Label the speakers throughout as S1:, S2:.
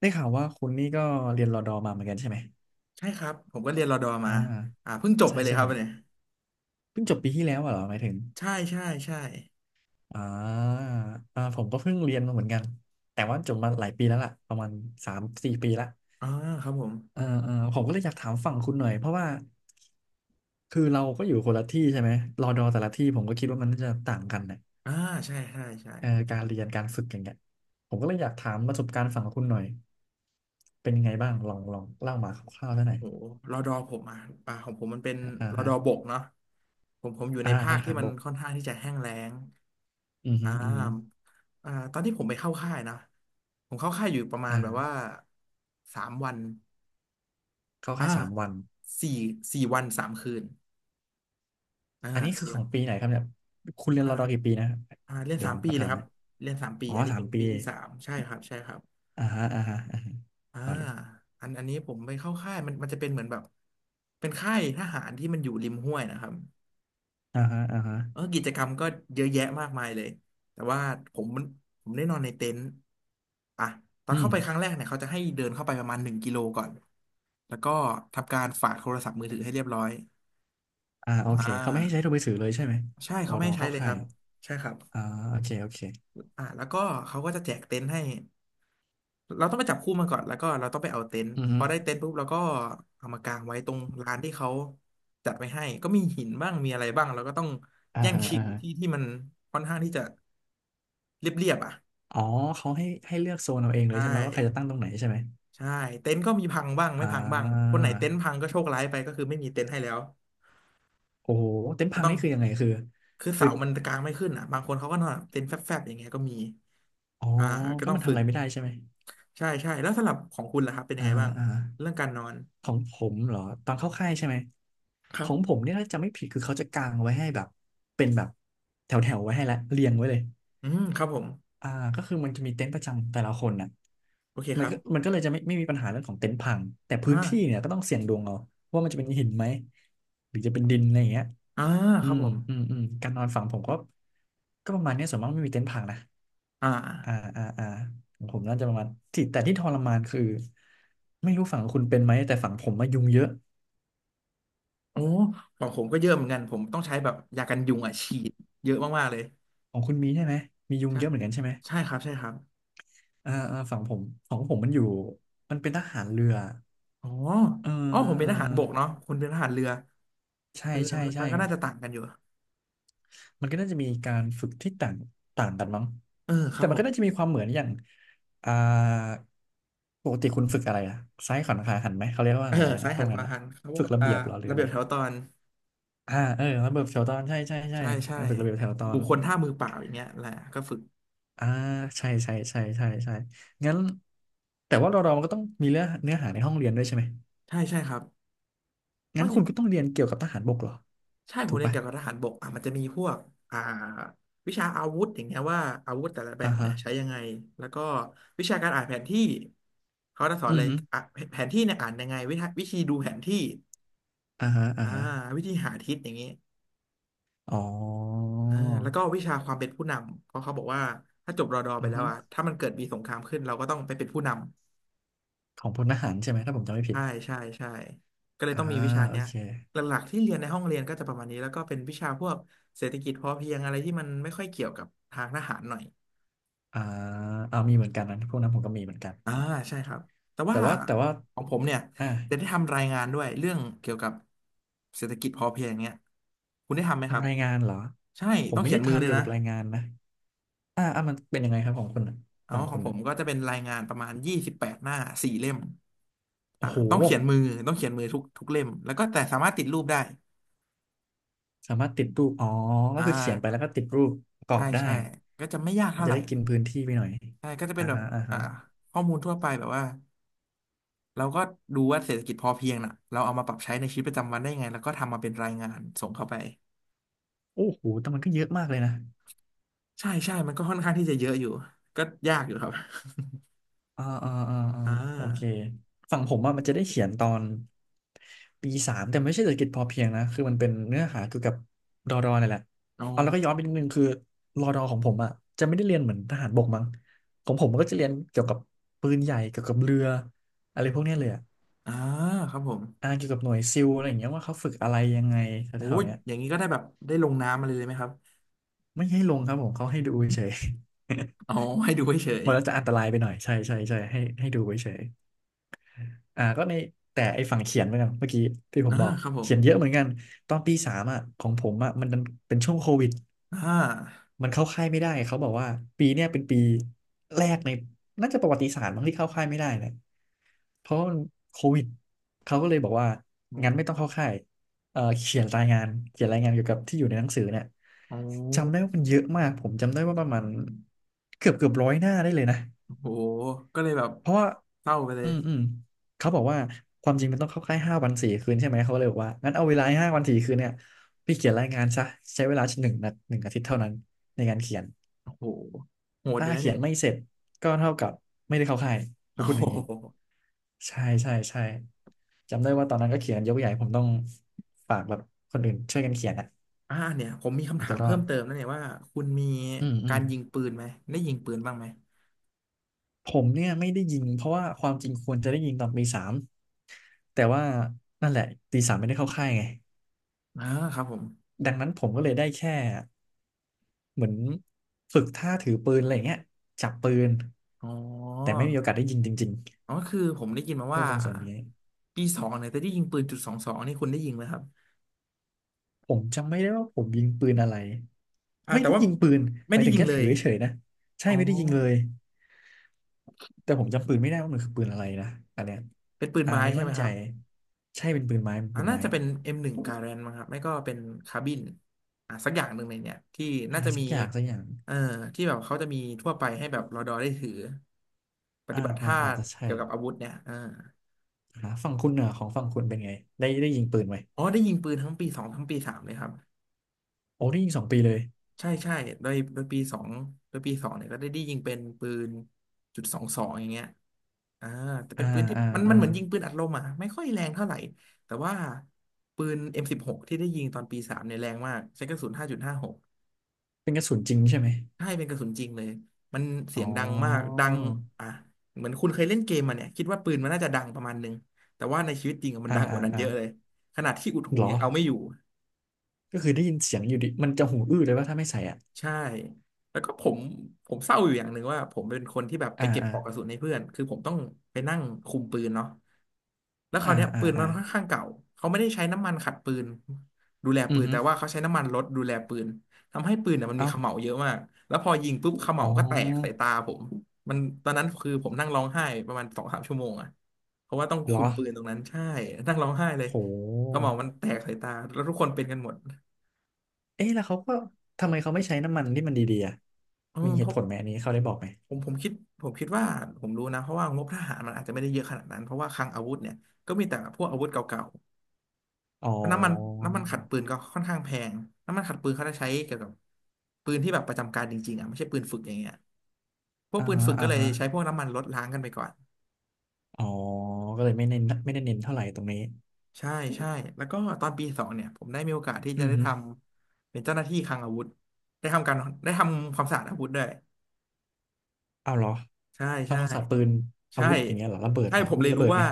S1: ได้ข่าวว่าคุณนี่ก็เรียนรอดอมาเหมือนกันใช่ไหม
S2: ใช่ครับผมก็เรียนรอดอ
S1: อ่า
S2: มาเพิ่งจบ
S1: ใช่
S2: ไปเลย
S1: ใช่
S2: ครั
S1: ผ
S2: บ
S1: ม
S2: เนี่ย
S1: เพิ่งจบปีที่แล้วอะเหรอหมายถึง
S2: ใช่ใช่ใช่
S1: อ่าอ่าผมก็เพิ่งเรียนมาเหมือนกัน แต่ว่าจบมาหลายปีแล้วล่ะประมาณสามสี่ปีละ
S2: อ่าครับผม
S1: เออเออผมก็เลยอยากถามฝั่งคุณหน่อยเพราะว่าคือเราก็อยู่คนละที่ใช่ไหมรอดอแต่ละที่ผมก็คิดว่ามันน่าจะต่างกันนะ
S2: อ่าใช่ใช่ใช่
S1: เออการเรียนการฝึกอย่างเงี้ยผมก็เลยอยากถามประสบการณ์ฝั่งคุณหน่อยเป็นยังไงบ้างลองลองเล่ามาคร่าวๆได้ห
S2: โอ้
S1: น่อย
S2: โหรอดอผมอ่ะของผมมันเป็น
S1: อ่า
S2: รอด
S1: ฮะ
S2: อบกเนาะผมอยู่ใน
S1: อ่า
S2: ภา
S1: ท
S2: คที่
S1: หา
S2: มั
S1: ร
S2: น
S1: บ
S2: ค่อ
S1: ก
S2: นข้างที่จะแห้งแล้ง
S1: อือ
S2: อ่
S1: ฮึอือฮึ
S2: าอ่าตอนที่ผมไปเข้าค่ายนะผมเข้าค่ายอยู่ประมาณแบบว่า
S1: อ่า
S2: สามวัน
S1: เก็า
S2: อ่า
S1: ค่ายสามวัน
S2: สี่สี่วันสามคืนอ่า
S1: อันนี้คือ
S2: สี่
S1: ข
S2: วั
S1: อ
S2: น
S1: งปีไหนครับเนี่ยคุณเรียน
S2: อ่า
S1: รอดอกี่ปีนะครับ
S2: อ่าเรียน
S1: เดี๋ย
S2: สา
S1: วผ
S2: ม
S1: ม
S2: ปี
S1: ก็
S2: เล
S1: ถา
S2: ย
S1: ม
S2: ค
S1: ห
S2: รับ
S1: นะอย
S2: เรียนสามปี
S1: อ๋อ
S2: อันนี้
S1: สา
S2: เป็
S1: ม
S2: น
S1: ปี
S2: ปีที่สามใช่ครับใช่ครับ
S1: อ่าฮะอ่าฮะอ่าฮะ
S2: อ่า
S1: ต่อเลย
S2: อันนี้ผมไปเข้าค่ายมันจะเป็นเหมือนแบบเป็นค่ายทหารที่มันอยู่ริมห้วยนะครับ
S1: อ่าฮะอ่าฮะ
S2: เออกิจกรรมก็เยอะแยะมากมายเลยแต่ว่าผมมันผมได้นอนในเต็นท์อ่ะตอน
S1: อื
S2: เข้า
S1: ม
S2: ไปครั้งแรกเนี่ยเขาจะให้เดินเข้าไปประมาณหนึ่งกิโลก่อนแล้วก็ทำการฝากโทรศัพท์มือถือให้เรียบร้อย
S1: อ่าโอเค
S2: อ่
S1: เขาไม่ให้ใช้โทร
S2: า
S1: มือถือเลยใช่ไหม
S2: ใช่
S1: รอ
S2: เขาไม่
S1: ดอ
S2: ให้ใช้
S1: เข้า
S2: เลยค
S1: ค่า
S2: รั
S1: ย
S2: บใช่ครับ
S1: อ่าโอเคโอเค
S2: อ่าแล้วก็เขาก็จะแจกเต็นท์ให้ เราต้องไปจับคู่มาก่อนแล้วก็เราต้องไปเอาเต็นท์
S1: อือ
S2: พ
S1: ฮึ
S2: อได้เต็นท์ปุ๊บเราก็เอามากางไว้ตรงลานที่เขาจัดไว้ให้ก็มีหินบ้างมีอะไรบ้างเราก็ต้อง
S1: อ่า
S2: แย่ง
S1: ฮะ
S2: ชิ
S1: อ่า
S2: ง
S1: ฮะ
S2: ที่ที่มันค่อนข้างที่จะเรียบๆอ่ะ
S1: อ๋อเขาให้ให้เลือกโซนเอาเองเล
S2: ใช่
S1: ยใช่ไหมว่าใครจะตั้งตรงไหนใช่ไหม
S2: ใช่เต็นท์ก็มีพังบ้างไม่
S1: อ่
S2: พังบ้างค
S1: า
S2: นไหนเต็นท์พังก็โชคร้ายไปก็คือไม่มีเต็นท์ให้แล้ว
S1: โอ้โหเต็นท์
S2: ก็
S1: พัง
S2: ต้อง
S1: นี่คือยังไงคือ
S2: คือ
S1: คื
S2: เสา
S1: อ
S2: มันกางไม่ขึ้นอ่ะบางคนเขาก็นอนเต็นท์แฟบๆอย่างเงี้ยก็มี
S1: อ๋อ
S2: อ่าก็
S1: ก็
S2: ต้อง
S1: มันทำ
S2: ฝึ
S1: อะ
S2: ก
S1: ไรไม่ได้ใช่ไหม
S2: ใช่ใช่แล้วสำหรับของคุณล่ะครับเป็นยั
S1: อ่า
S2: งไง
S1: ฮะ
S2: บ้าง
S1: อ่าฮะ
S2: เรื่องการนอน
S1: ของผมเหรอตอนเข้าค่ายใช่ไหม
S2: ค
S1: ข
S2: รับ
S1: องผมเนี่ยถ้าจะไม่ผิดคือเขาจะกางไว้ให้แบบเป็นแบบแถวแถวไว้ให้แล้วเรียงไว้เลย
S2: อืมครับผม
S1: อ่าก็คือมันจะมีเต็นท์ประจำแต่ละคนน่ะ
S2: โอเคค
S1: มัน
S2: รั
S1: ก็มั
S2: บ
S1: นก็เลยจะไม่มีปัญหาเรื่องของเต็นท์พังแต่
S2: อ
S1: พื้นที่เนี่
S2: ่า
S1: ยก็ต้องเสี่ยงดวงเอาว่ามันจะเป็นหินไหมหรือจะเป็นดินอะไรอย่างเงี้ย
S2: อ่า
S1: อื
S2: ครับ
S1: ม
S2: ผม
S1: อืมอืมการนอนฝั่งผมก็ก็ประมาณเนี้ยส่วนมากไม่มีเต็นท์พังนะ
S2: อ่า
S1: อ่าอ่าอ่าของผมน่าจะประมาณที่แต่ที่ทรมานคือไม่รู้ฝั่งคุณเป็นไหมแต่ฝั่งผมมายุงเยอะ
S2: โอ้ของผมก็เยอะเหมือนกันผมต้องใช้แบบยากันยุงอ่ะฉีดเยอะมากๆเลย
S1: ของคุณมีใช่ไหมมียุง
S2: ใช่
S1: เยอะเหมือนกันใช่ไหม
S2: ใช่ครับใช่ครับ
S1: อ่าอ่าฝั่งผมของผมมันอยู่มันเป็นทหารเรือ
S2: อ๋อ
S1: เออ
S2: อ๋อผมเป็น
S1: เออ
S2: ทหารบกเนาะคุณเป็นทหารเรือ
S1: ใช่
S2: เออ
S1: ใช่
S2: มัน
S1: ใช่
S2: มันก็น่าจะต่างกันอยู่
S1: มันก็น่าจะมีการฝึกที่ต่างต่างกันมั้ง
S2: เออค
S1: แต่
S2: รับ
S1: มั
S2: ผ
S1: นก็
S2: ม
S1: น่าจะมีความเหมือนอย่างอ่าปกติคุณฝึกอะไรอะซ้ายขวัญขาหันไหมเขาเรียกว่า
S2: เอ
S1: อะ
S2: อ
S1: ไรอันนั้น
S2: ซ้า
S1: นะ
S2: ย
S1: พว
S2: หั
S1: ก
S2: นข
S1: นั้น
S2: วา
S1: นะ
S2: หันเขาบอ
S1: ฝึ
S2: ก
S1: กระ
S2: อ่า
S1: เบียบเหรอหรือ
S2: ระ
S1: อะ
S2: เบีย
S1: ไร
S2: บแถวตอน
S1: อ่าเออระเบียบแถวตอนใช่ใช่ใช่
S2: ใช่ใช่
S1: การฝึกระเบียบแถวตอ
S2: บุ
S1: น
S2: คคลท่ามือเปล่าอย่างเงี้ยแหละก็ฝึก
S1: อ่าใช่ใช่ใช่ใช่ใช่งั้นแต่ว่าเราเรามันก็ต้องมีเนื้อหาในห้องเรียนด้วยใช่ไหม
S2: ใช่ใช่ครับอ๋
S1: งั้นคุณก็
S2: อ
S1: ต้องเรียนเกี่ยวกับทหารบกเหรอ
S2: ใช่ผ
S1: ถู
S2: ม
S1: ก
S2: เรียน
S1: ปะ
S2: เกี่ยวกับทหารบกอ่ะมันจะมีพวกอ่าวิชาอาวุธอย่างเงี้ยว่าอาวุธแต่ละแบ
S1: อ่า
S2: บ
S1: ฮะ
S2: เนี่ยใช้ยังไง แล้วก็วิชาการอ่านแผนที่เขาจะสอน
S1: อื
S2: เล
S1: อ
S2: ย
S1: ฮึ
S2: อ่ะแผนที่เนี่ยอ่านยังไงวิธีดูแผนที่
S1: อ่าฮะอ่า
S2: อ่า
S1: ฮะ
S2: วิธีหาทิศอย่างงี้
S1: อ๋อ
S2: อ่าแล้วก็วิชาความเป็นผู้นำเพราะเขาบอกว่าถ้าจบรอดอไป
S1: อือ
S2: แล้ว
S1: ฮึ
S2: อ่ะถ้ามันเกิดมีสงครามขึ้นเราก็ต้องไปเป็นผู้นำ
S1: ของพลทหารใช่ไหมถ้าผมจำไม่ผิด
S2: ใช่ใช่ใช่ก็เลย
S1: อ่า
S2: ต้องมีวิชา
S1: โอ
S2: เนี้ย
S1: เค
S2: หลักๆที่เรียนในห้องเรียนก็จะประมาณนี้แล้วก็เป็นวิชาพวกเศรษฐกิจพอเพียงอะไรที่มันไม่ค่อยเกี่ยวกับทางทหารหน่อย
S1: อ่าเอ่ามีเหมือนกันนะพวกนั้นผมก็มีเหมือนกัน
S2: อ่าใช่ครับแต่
S1: แต่
S2: ว่า
S1: ว่าแต่ว่า
S2: ของผมเนี่ย
S1: อ่า
S2: จะได้ทำรายงานด้วยเรื่องเกี่ยวกับเศรษฐกิจพอเพียงเนี้ยคุณได้ทำไหมครับ
S1: ทำรายงานเหรอ
S2: ใช่
S1: ผม
S2: ต้อง
S1: ไม่
S2: เขีย
S1: ได้
S2: นมือ
S1: ทำ
S2: ด้วย
S1: เกี่ยว
S2: นะ
S1: กับรายงานนะอ่าอ่ามันเป็นยังไงครับของคุณน่ะ
S2: เอา
S1: ฝั่ง
S2: ขอ
S1: คุ
S2: ง
S1: ณ
S2: ผ
S1: นะ
S2: มก็จะเป็นรายงานประมาณยี่สิบแปดหน้าสี่เล่มอ่า
S1: โอ้โห
S2: ต้องเขียนมือต้องเขียนมือทุกเล่มแล้วก็แต่สามารถติดรูปได้
S1: สามารถติดรูปอ๋อก็
S2: อ่า
S1: คือเขียนไปแล้วก็ติดรูปประกอ
S2: ใช่
S1: บได้
S2: ใช่ก็จะไม่ยาก
S1: มัน
S2: เท่า
S1: จะ
S2: ไหร่
S1: ได้กินพื้นที่ไปหน่อย
S2: ใช่ก็จะเป็
S1: อ่า
S2: นแบบ
S1: ฮะอ่า
S2: อ่า
S1: ฮะ
S2: ข้อมูลทั่วไปแบบว่าเราก็ดูว่าเศรษฐกิจพอเพียงน่ะเราเอามาปรับใช้ในชีวิตประจำวันได้ยังไงแล้วก็ทำมาเป็นรายงานส่งเข้าไป
S1: โอ้โหแต่มันก็เยอะมากเลยนะ
S2: ใช่ใช่มันก็ค่อนข้างที่จะเยอะอยู่ ก็ยากอยู่ครับ
S1: อ่าอ่าอ่าอ่า
S2: อ่า
S1: โอเคฝั่งผมอะมันจะได้เขียนตอนปีสามแต่ไม่ใช่เศรษฐกิจพอเพียงนะ คือมันเป็นเนื้อหาเกี่ยวกับรอดอนี่นแหละ
S2: อ๋
S1: เอาแล้วก็ย้อ
S2: อ
S1: นไปนิดนึงคือรอดอของผมอ่ะจะไม่ได้เรียนเหมือนทหารบกมั้งของผมมันก็จะเรียนเกี่ยวกับปืนใหญ่ เกี่ยวกับเรืออะไรพวกเนี้ยเลยอะ
S2: อ่าครับผม
S1: อ่าเกี่ยวกับหน่วยซิลอะไรอย่างเงี้ยว่าเขาฝึกอะไรยังไง
S2: โอ้
S1: แถวๆ
S2: ย
S1: เนี้ย
S2: อย่างนี้ก็ได้แบบได้ลงน้ำอะไรเลยไหมครับ
S1: ไม่ให้ลงครับผมเขาให้ดูเฉย
S2: อ๋อให้ดูเฉ ย
S1: มันแล้วจะอันตรายไปหน่อยใช่ใช่ใช่ให้ให้ดูไว้เฉย อ่าก็ในแต่ไอ้ฝั่งเขียนเหมือนกันเมื่อกี้ที่ผ
S2: ๆอ่า
S1: มบอก
S2: ครับผม
S1: เขียนเยอะเหมือนกันตอนปีสามอ่ะของผมอ่ะมันดันเป็นช่วงโควิด
S2: อ่า
S1: มันเข้าค่ายไม่ได้เขาบอกว่าปีเนี้ยเป็นปีแรกในน่าจะประวัติศาสตร์มั้งที่เข้าค่ายไม่ได้เนี่ยเพราะมันโควิดเขาก็เลยบอกว่า
S2: โอ
S1: งั้นไม่ต้อง
S2: ้
S1: เข้าค่ายเอ่อเขียนรายงานเขียนรายงานเกี่ยวกับที่อยู่ในหนังสือเนี่ย
S2: โ
S1: จำ
S2: อ
S1: ได้ว่ามันเยอะมากผมจำได้ว่าประมาณเกือบร้อยหน้าได้เลยนะ
S2: ้โหก็เลยแบบ
S1: เพราะว่า
S2: เศร้าไปเล
S1: อื
S2: ย
S1: มอืมเขาบอกว่าความจริงมันต้องเข้าค่ายห้าวันสี่คืนใช่ไหมเขาเลยบอกว่างั้นเอาเวลาห้าวันสี่คืนเนี่ยพี่เขียนรายงานซะใช้เวลาหนึ่งอาทิตย์เท่านั้นในการเขียน
S2: โอ้โหโหดอ
S1: ถ้า
S2: ยู่นะ
S1: เขีย
S2: นี่
S1: น ไม่เสร็จก็เท่ากับไม่ได้เข้าค่าย
S2: โอ้
S1: เขาพูด
S2: โห
S1: อย่างนี้ใช่ใช่ใช่จำได้ว่าตอนนั้นก็เขียนยกใหญ่ผมต้องฝากแบบคนอื่นช่วยกันเขียนอ่ะ
S2: อ่าเนี่ยผมมี
S1: ผ
S2: คำ
S1: ม
S2: ถา
S1: จะ
S2: ม
S1: รอ
S2: เพิ่
S1: ด
S2: มเติมนะเนี่ยว่าคุณมี
S1: อืมอื
S2: กา
S1: ม
S2: รยิงปืนไหมได้ยิงปืนบ้างไหม
S1: ผมเนี่ยไม่ได้ยิงเพราะว่าความจริงควรจะได้ยิงตอนปีสามแต่ว่านั่นแหละตีสามไม่ได้เข้าค่ายไง
S2: อ่าครับผม
S1: ดังนั้นผมก็เลยได้แค่เหมือนฝึกท่าถือปืนอะไรเงี้ยจับปืน
S2: อ๋อ
S1: แต่ไม่มีโอกาสได้ยิงจริง
S2: อ๋อคือผมได้ยินมา
S1: ๆด้ว
S2: ว่า
S1: ยตรงส่วนนี้
S2: ปีสองเนี่ยจะได้ยิงปืนจุดสองสองนี่คุณได้ยิงไหมครับ
S1: ผมจำไม่ได้ว่าผมยิงปืนอะไร
S2: อ่า
S1: ไม่
S2: แต่
S1: ได้
S2: ว่า
S1: ยิงปืน
S2: ไม่
S1: หมาย
S2: ได้
S1: ถึง
S2: ยิง
S1: แค่
S2: เล
S1: ถือ
S2: ย
S1: เฉยๆนะใช่
S2: อ๋อ
S1: ไม่ได้ยิงเลยแต่ผมจำปืนไม่ได้ว่ามันคือปืนอะไรนะอันเนี้ย
S2: เป็นปืนไม้
S1: ไม่
S2: ใช่
S1: มั่
S2: ไหม
S1: น
S2: ค
S1: ใจ
S2: รับ
S1: ใช่เป็นปืนไม้เป็น
S2: อ่า
S1: ปืน
S2: น่า
S1: ไม้
S2: จะเป็น M1 Garand มั้งครับไม่ก็เป็นคาบินอ่าสักอย่างหนึ่งในเนี่ยที่น่าจะ
S1: สั
S2: มี
S1: กอย่างสักอย่าง
S2: เอ่อที่แบบเขาจะมีทั่วไปให้แบบรอดอได้ถือปฏิบัติท่า
S1: อาจจะใช่
S2: เกี่ยวกับอาวุธเนี่ยอ่า
S1: ฝั่งคุณเน่ะของฝั่งคุณเป็นไงได้ได้ยิงปืนไหม
S2: อ๋อได้ยิงปืนทั้งปีสองทั้งปีสามเลยครับ
S1: โอ้ได้ยิงสองปีเลย
S2: ใช่ใช่โดยปีสองโดยปีสองเนี่ยก็ได้ยิงเป็นปืนจุดสองสองอย่างเงี้ยอ่าแต่
S1: อ่า
S2: เป็นปืนที่
S1: อ่า
S2: มันมั
S1: อ่า
S2: นเหมือนยิงปืนอัดลมอ่ะไม่ค่อยแรงเท่าไหร่แต่ว่าปืน M16 ที่ได้ยิงตอนปีสามเนี่ยแรงมากใช้กระสุนห้าจุดหาหก
S1: เป็นกระสุนจริงใช่ไหม
S2: ใช่เป็นกระสุนจริงเลยมันเสี
S1: อ๋อ
S2: ยงดังมากดังอ่ะเหมือนคุณเคยเล่นเกมมาเนี่ยคิดว่าปืนมันน่าจะดังประมาณนึงแต่ว่าในชีวิตจริงอะมัน
S1: อ่า
S2: ดังก
S1: อ่า
S2: ว่านั้น
S1: อ่า
S2: เยอะเลยขนาดที่อุดหู
S1: เหรอ
S2: ยังเอาไม่อยู่
S1: ก็คือได้ยินเสียงอยู่ดิ มันจะหูอื้อเลยว่าถ้าไม่ใส่อ่ะ
S2: ใช่ แล้วก็ผมเศร้าอยู่อย่างหนึ่งว่าผมเป็นคนที่แบบไป
S1: อ่า
S2: เก็บ
S1: อ่า
S2: ปลอกกระสุนให้เพื่อนคือผมต้องไปนั่งคุมปืนเนาะแล้วค
S1: อ่า
S2: ราวเนี้ย
S1: อ่า
S2: ปืนมั
S1: อ่า
S2: นค่อนข้างเก่าเขาไม่ได้ใช้น้ำมันขัดปืนดูแล
S1: อื
S2: ปื
S1: อ
S2: น
S1: ฮึ
S2: แต่ว่าเขาใช้น้ำมันรถดูแลปืนทำให้ปืนเนี่ยมันมี
S1: เอ้า
S2: เขม่าเยอะมากแล้วพอยิงปุ๊บเข
S1: อ๋
S2: ม่าก็แตกใส่
S1: อ
S2: ตาผมมันตอนนั้นคือผมนั่งร้องไห้ประมาณสองสามชั่วโมงอะเพราะว่าต้อง
S1: เหร
S2: คุ
S1: อ
S2: มปืนตรงนั้นใช่นั่งร้องไห้เลย
S1: โ
S2: เข
S1: ห
S2: ม่ามันแตกใส่ตาแล้วทุกคนเป็นกันหมด
S1: เอ๊ะแล้วเขาก็ทำไมเขาไม่ใช้น้ำมันที่มันดีๆอ่ะ
S2: อืม
S1: มีเห
S2: เพ
S1: ตุผ
S2: ราะ
S1: ลไหมอันนี้เขาได้บอกไหม
S2: ผมคิดผมคิดว่าผมรู้นะเพราะว่างบทหารมันอาจจะไม่ได้เยอะขนาดนั้นเพราะว่าคลังอาวุธเนี่ยก็มีแต่พวกอาวุธเก่า
S1: อ๋อ
S2: ๆแล้วน้ำมันขัดปืนก็ค่อนข้างแพงน้ำมันขัดปืนเขาจะใช้เกี่ยวกับปืนที่แบบประจำการจริงๆอ่ะไม่ใช่ปืนฝึกอย่างเงี้ยพวก
S1: อ่า
S2: ปืน
S1: ฮะ
S2: ฝึกก็
S1: อ่า
S2: เลย
S1: ฮะ
S2: ใช้พวกน้ำมันลดล้างกันไปก่อน
S1: อ๋อก็เลยไม่เน้นไม่ได้เน้นเท่าไหร่ตรงนี้
S2: ใช่ใช่แล้วก็ตอนปีสองเนี่ยผมได้มีโอกาสที่
S1: อื
S2: จะ
S1: อ
S2: ได้
S1: ฮึ
S2: ทำเป็นเจ้าหน้าที่คลังอาวุธได้ทำการได้ทำความสะอาดอาวุธด้วย
S1: เอาเหรอ
S2: ใช่ใช่
S1: ทำความสะอาดปืนอา
S2: ใช่
S1: วุธอย่างเงี้ยเหรอระเบิด
S2: ใช่
S1: เหรอ
S2: ผม
S1: มี
S2: เลย
S1: ระ
S2: รู้
S1: เบิดไหม
S2: ว่า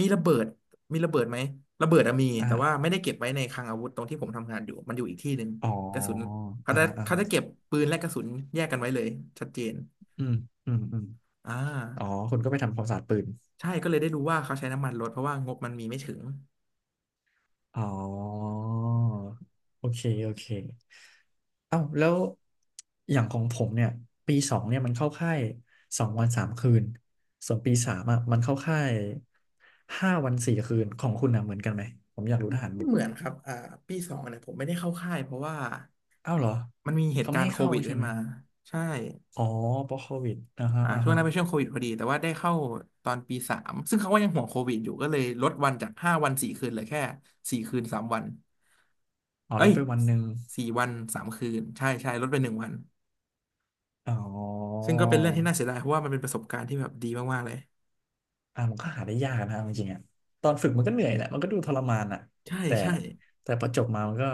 S2: มีระเบิดมีระเบิดไหมระเบิดอะมี
S1: อ่า
S2: แต่ว่าไม่ได้เก็บไว้ในคลังอาวุธตรงที่ผมทำงานอยู่มันอยู่อีกที่หนึ่ง
S1: อ๋อ
S2: กระสุนเขา
S1: อ่า
S2: จะ
S1: ฮะอ่า
S2: เขาจะเก็บ
S1: ฮะ
S2: ปืนและกระสุนแยกกันไว้เลยชัดเจน
S1: อืมอืมอืม
S2: อ่
S1: อ๋อ
S2: า
S1: คุณก็ไปทำความสะอาดปืน
S2: ใช่ก็เลยได้รู้ว่าเขาใช้น้ำมันลดเพราะว่างบมันมีไม่ถึง
S1: อ๋อ โอเค โอเค เอ้า แล้วอย่างของผมเนี่ย ปีสองเนี่ยมันเข้าค่ายสองวันสามคืนส่วนปีสามอ่ะมันเข้าค่ายห้าวันสี่คืนของคุณนะเหมือนกันไหม ผมอยากรู้ทหาร
S2: ไม่
S1: บ
S2: เหมื
S1: ก
S2: อนครับปีสองเนี่ยผมไม่ได้เข้าค่ายเพราะว่า
S1: เอ้าเหรอ
S2: มันมีเห
S1: เขา
S2: ตุกา
S1: ไม่
S2: ร
S1: ให้
S2: ณ์โค
S1: เข้า
S2: วิด
S1: ใช่
S2: ขึ้น
S1: ไหม
S2: มาใช่
S1: อ๋อเพราะโควิดอ่าฮะ
S2: อ่า
S1: อ่า
S2: ช่วง
S1: ฮะ
S2: นั้นเป็นช่วงโควิดพอดีแต่ว่าได้เข้าตอนปีสามซึ่งเขาก็ยังห่วงโควิดอยู่ก็เลยลดวันจากห้าวันสี่คืนเหลือแค่สี่คืนสามวัน
S1: อ๋อ
S2: เอ้
S1: ลด
S2: ย
S1: ไปวันหนึ่ง
S2: สี่วันสามคืนใช่ใช่ลดไปหนึ่งวัน
S1: อ๋อ
S2: ซึ่งก็เป็นเรื่องที่น่าเสียดายเพราะว่ามันเป็นประสบการณ์ที่แบบดีมากๆเลย
S1: อ่ามันก็หาได้ยากนะเอาจริงๆอ่ะตอนฝึกมันก็เหนื่อยแหละมันก็ดูทรมานอ่ะ
S2: ใช่
S1: แต่
S2: ใช่
S1: แต่พอจบมามันก็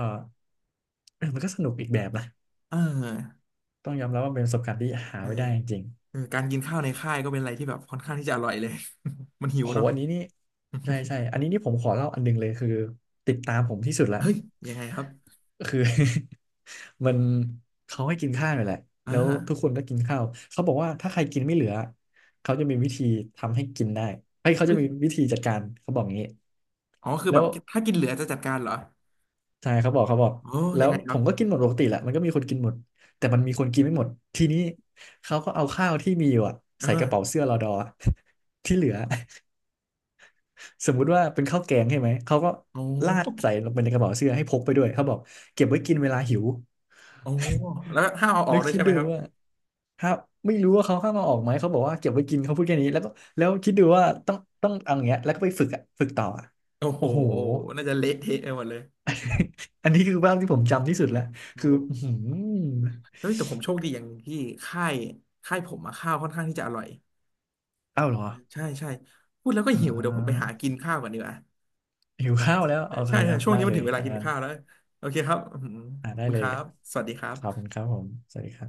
S1: เออมันก็สนุกอีกแบบนะ
S2: เออ
S1: ต้องยอมรับว่าเป็นประสบการณ์ที่หา
S2: เออ
S1: ไว้ได้จริง
S2: เออการกินข้าวในค่ายก็เป็นอะไรที่แบบค่อนข้างที่จะอร่อยเลย มันหิ
S1: ๆ
S2: ว
S1: โห
S2: เนาะ
S1: อันนี้นี่ใช่ใช่อันนี้นี่ผมขอเล่าอันหนึงเลยคือติดตามผมที่สุดละ
S2: เฮ้ยยังไงครับ
S1: คือ มันเขาให้กินข้าวอยู่แหละ
S2: อ่า
S1: แล้วทุกคนก็กินข้าวเขาบอกว่าถ้าใครกินไม่เหลือเขาจะมีวิธีทำให้กินได้ไอ้ยเขา
S2: เฮ้
S1: จะ
S2: ย
S1: มีวิธีจัดการเขาบอกงี้
S2: อ๋อคือ
S1: แล้
S2: แบบ
S1: ว
S2: ถ้ากินเหลือจะจัดการเหรอ
S1: ใช่เขาบอกเขาบอก
S2: โอ้
S1: แล้
S2: ยัง
S1: ว
S2: ไงค
S1: ผ
S2: รับ
S1: มก็กินหมดปกติแหละมันก็มีคนกินหมดแต่มันมีคนกินไม่หมดทีนี้เขาก็เอาข้าวที่มีอยู่อะ
S2: เออ
S1: ใส่กระเป๋าเสื้อรอดอ ที่เหลือสมมุติว่าเป็นข้าวแกงใช่ไหมเขาก็
S2: โอ้
S1: ราดใส่ลงไปในกระเป๋าเสื้อให้พกไปด้วยเขาบอกเก็บไว้กินเวลาหิว
S2: โอ้แล้วห้ามเอาอ
S1: แล้
S2: อ
S1: ว
S2: กด้วย
S1: คิ
S2: ใช่
S1: ด
S2: ไหม
S1: ดู
S2: ครับ
S1: ว่าถ้าไม่รู้ว่าเขาห้ามเอาออกไหมเขาบอกว่าเก็บไว้กินเขาพูดแค่นี้แล้วก็แล้วคิดดูว่าต้องเอาอย่างเงี้ยแล้วก็ไปฝึกอะฝึกต่ออะ
S2: โอ้โห
S1: โอ้โห
S2: น่าจะเละเทะไปหมดเลย
S1: อันนี้คือภาพที่ผมจำที่สุดแล้ว
S2: โอ้
S1: คืออื้อหือ
S2: เฮ้ยแต่ผมโชคดีอย่างที่ค่ายค่ายผมอะข้าวค่อนข้างที่จะอร่อย
S1: อ้าวเหรอ
S2: ใช่ใช่พูดแล้วก็
S1: อ่
S2: หิวเดี๋ยวผมไป
S1: า
S2: หากินข้าวก่อนดีกว่า
S1: หิวข้าวแล้ว
S2: ใช่
S1: โอเค
S2: ใช่
S1: ครับ
S2: ช่วง
S1: ได้
S2: นี้มั
S1: เล
S2: นถึ
S1: ย
S2: งเวลา
S1: ถ้า
S2: กิน
S1: งั้น
S2: ข้าวแล้วโอเคครับอืม
S1: อ่า
S2: ขอบ
S1: ได้
S2: คุณ
S1: เล
S2: ค
S1: ย
S2: รับสวัสดีครั
S1: ขอบ
S2: บ
S1: คุณครับผม สวัสดีครับ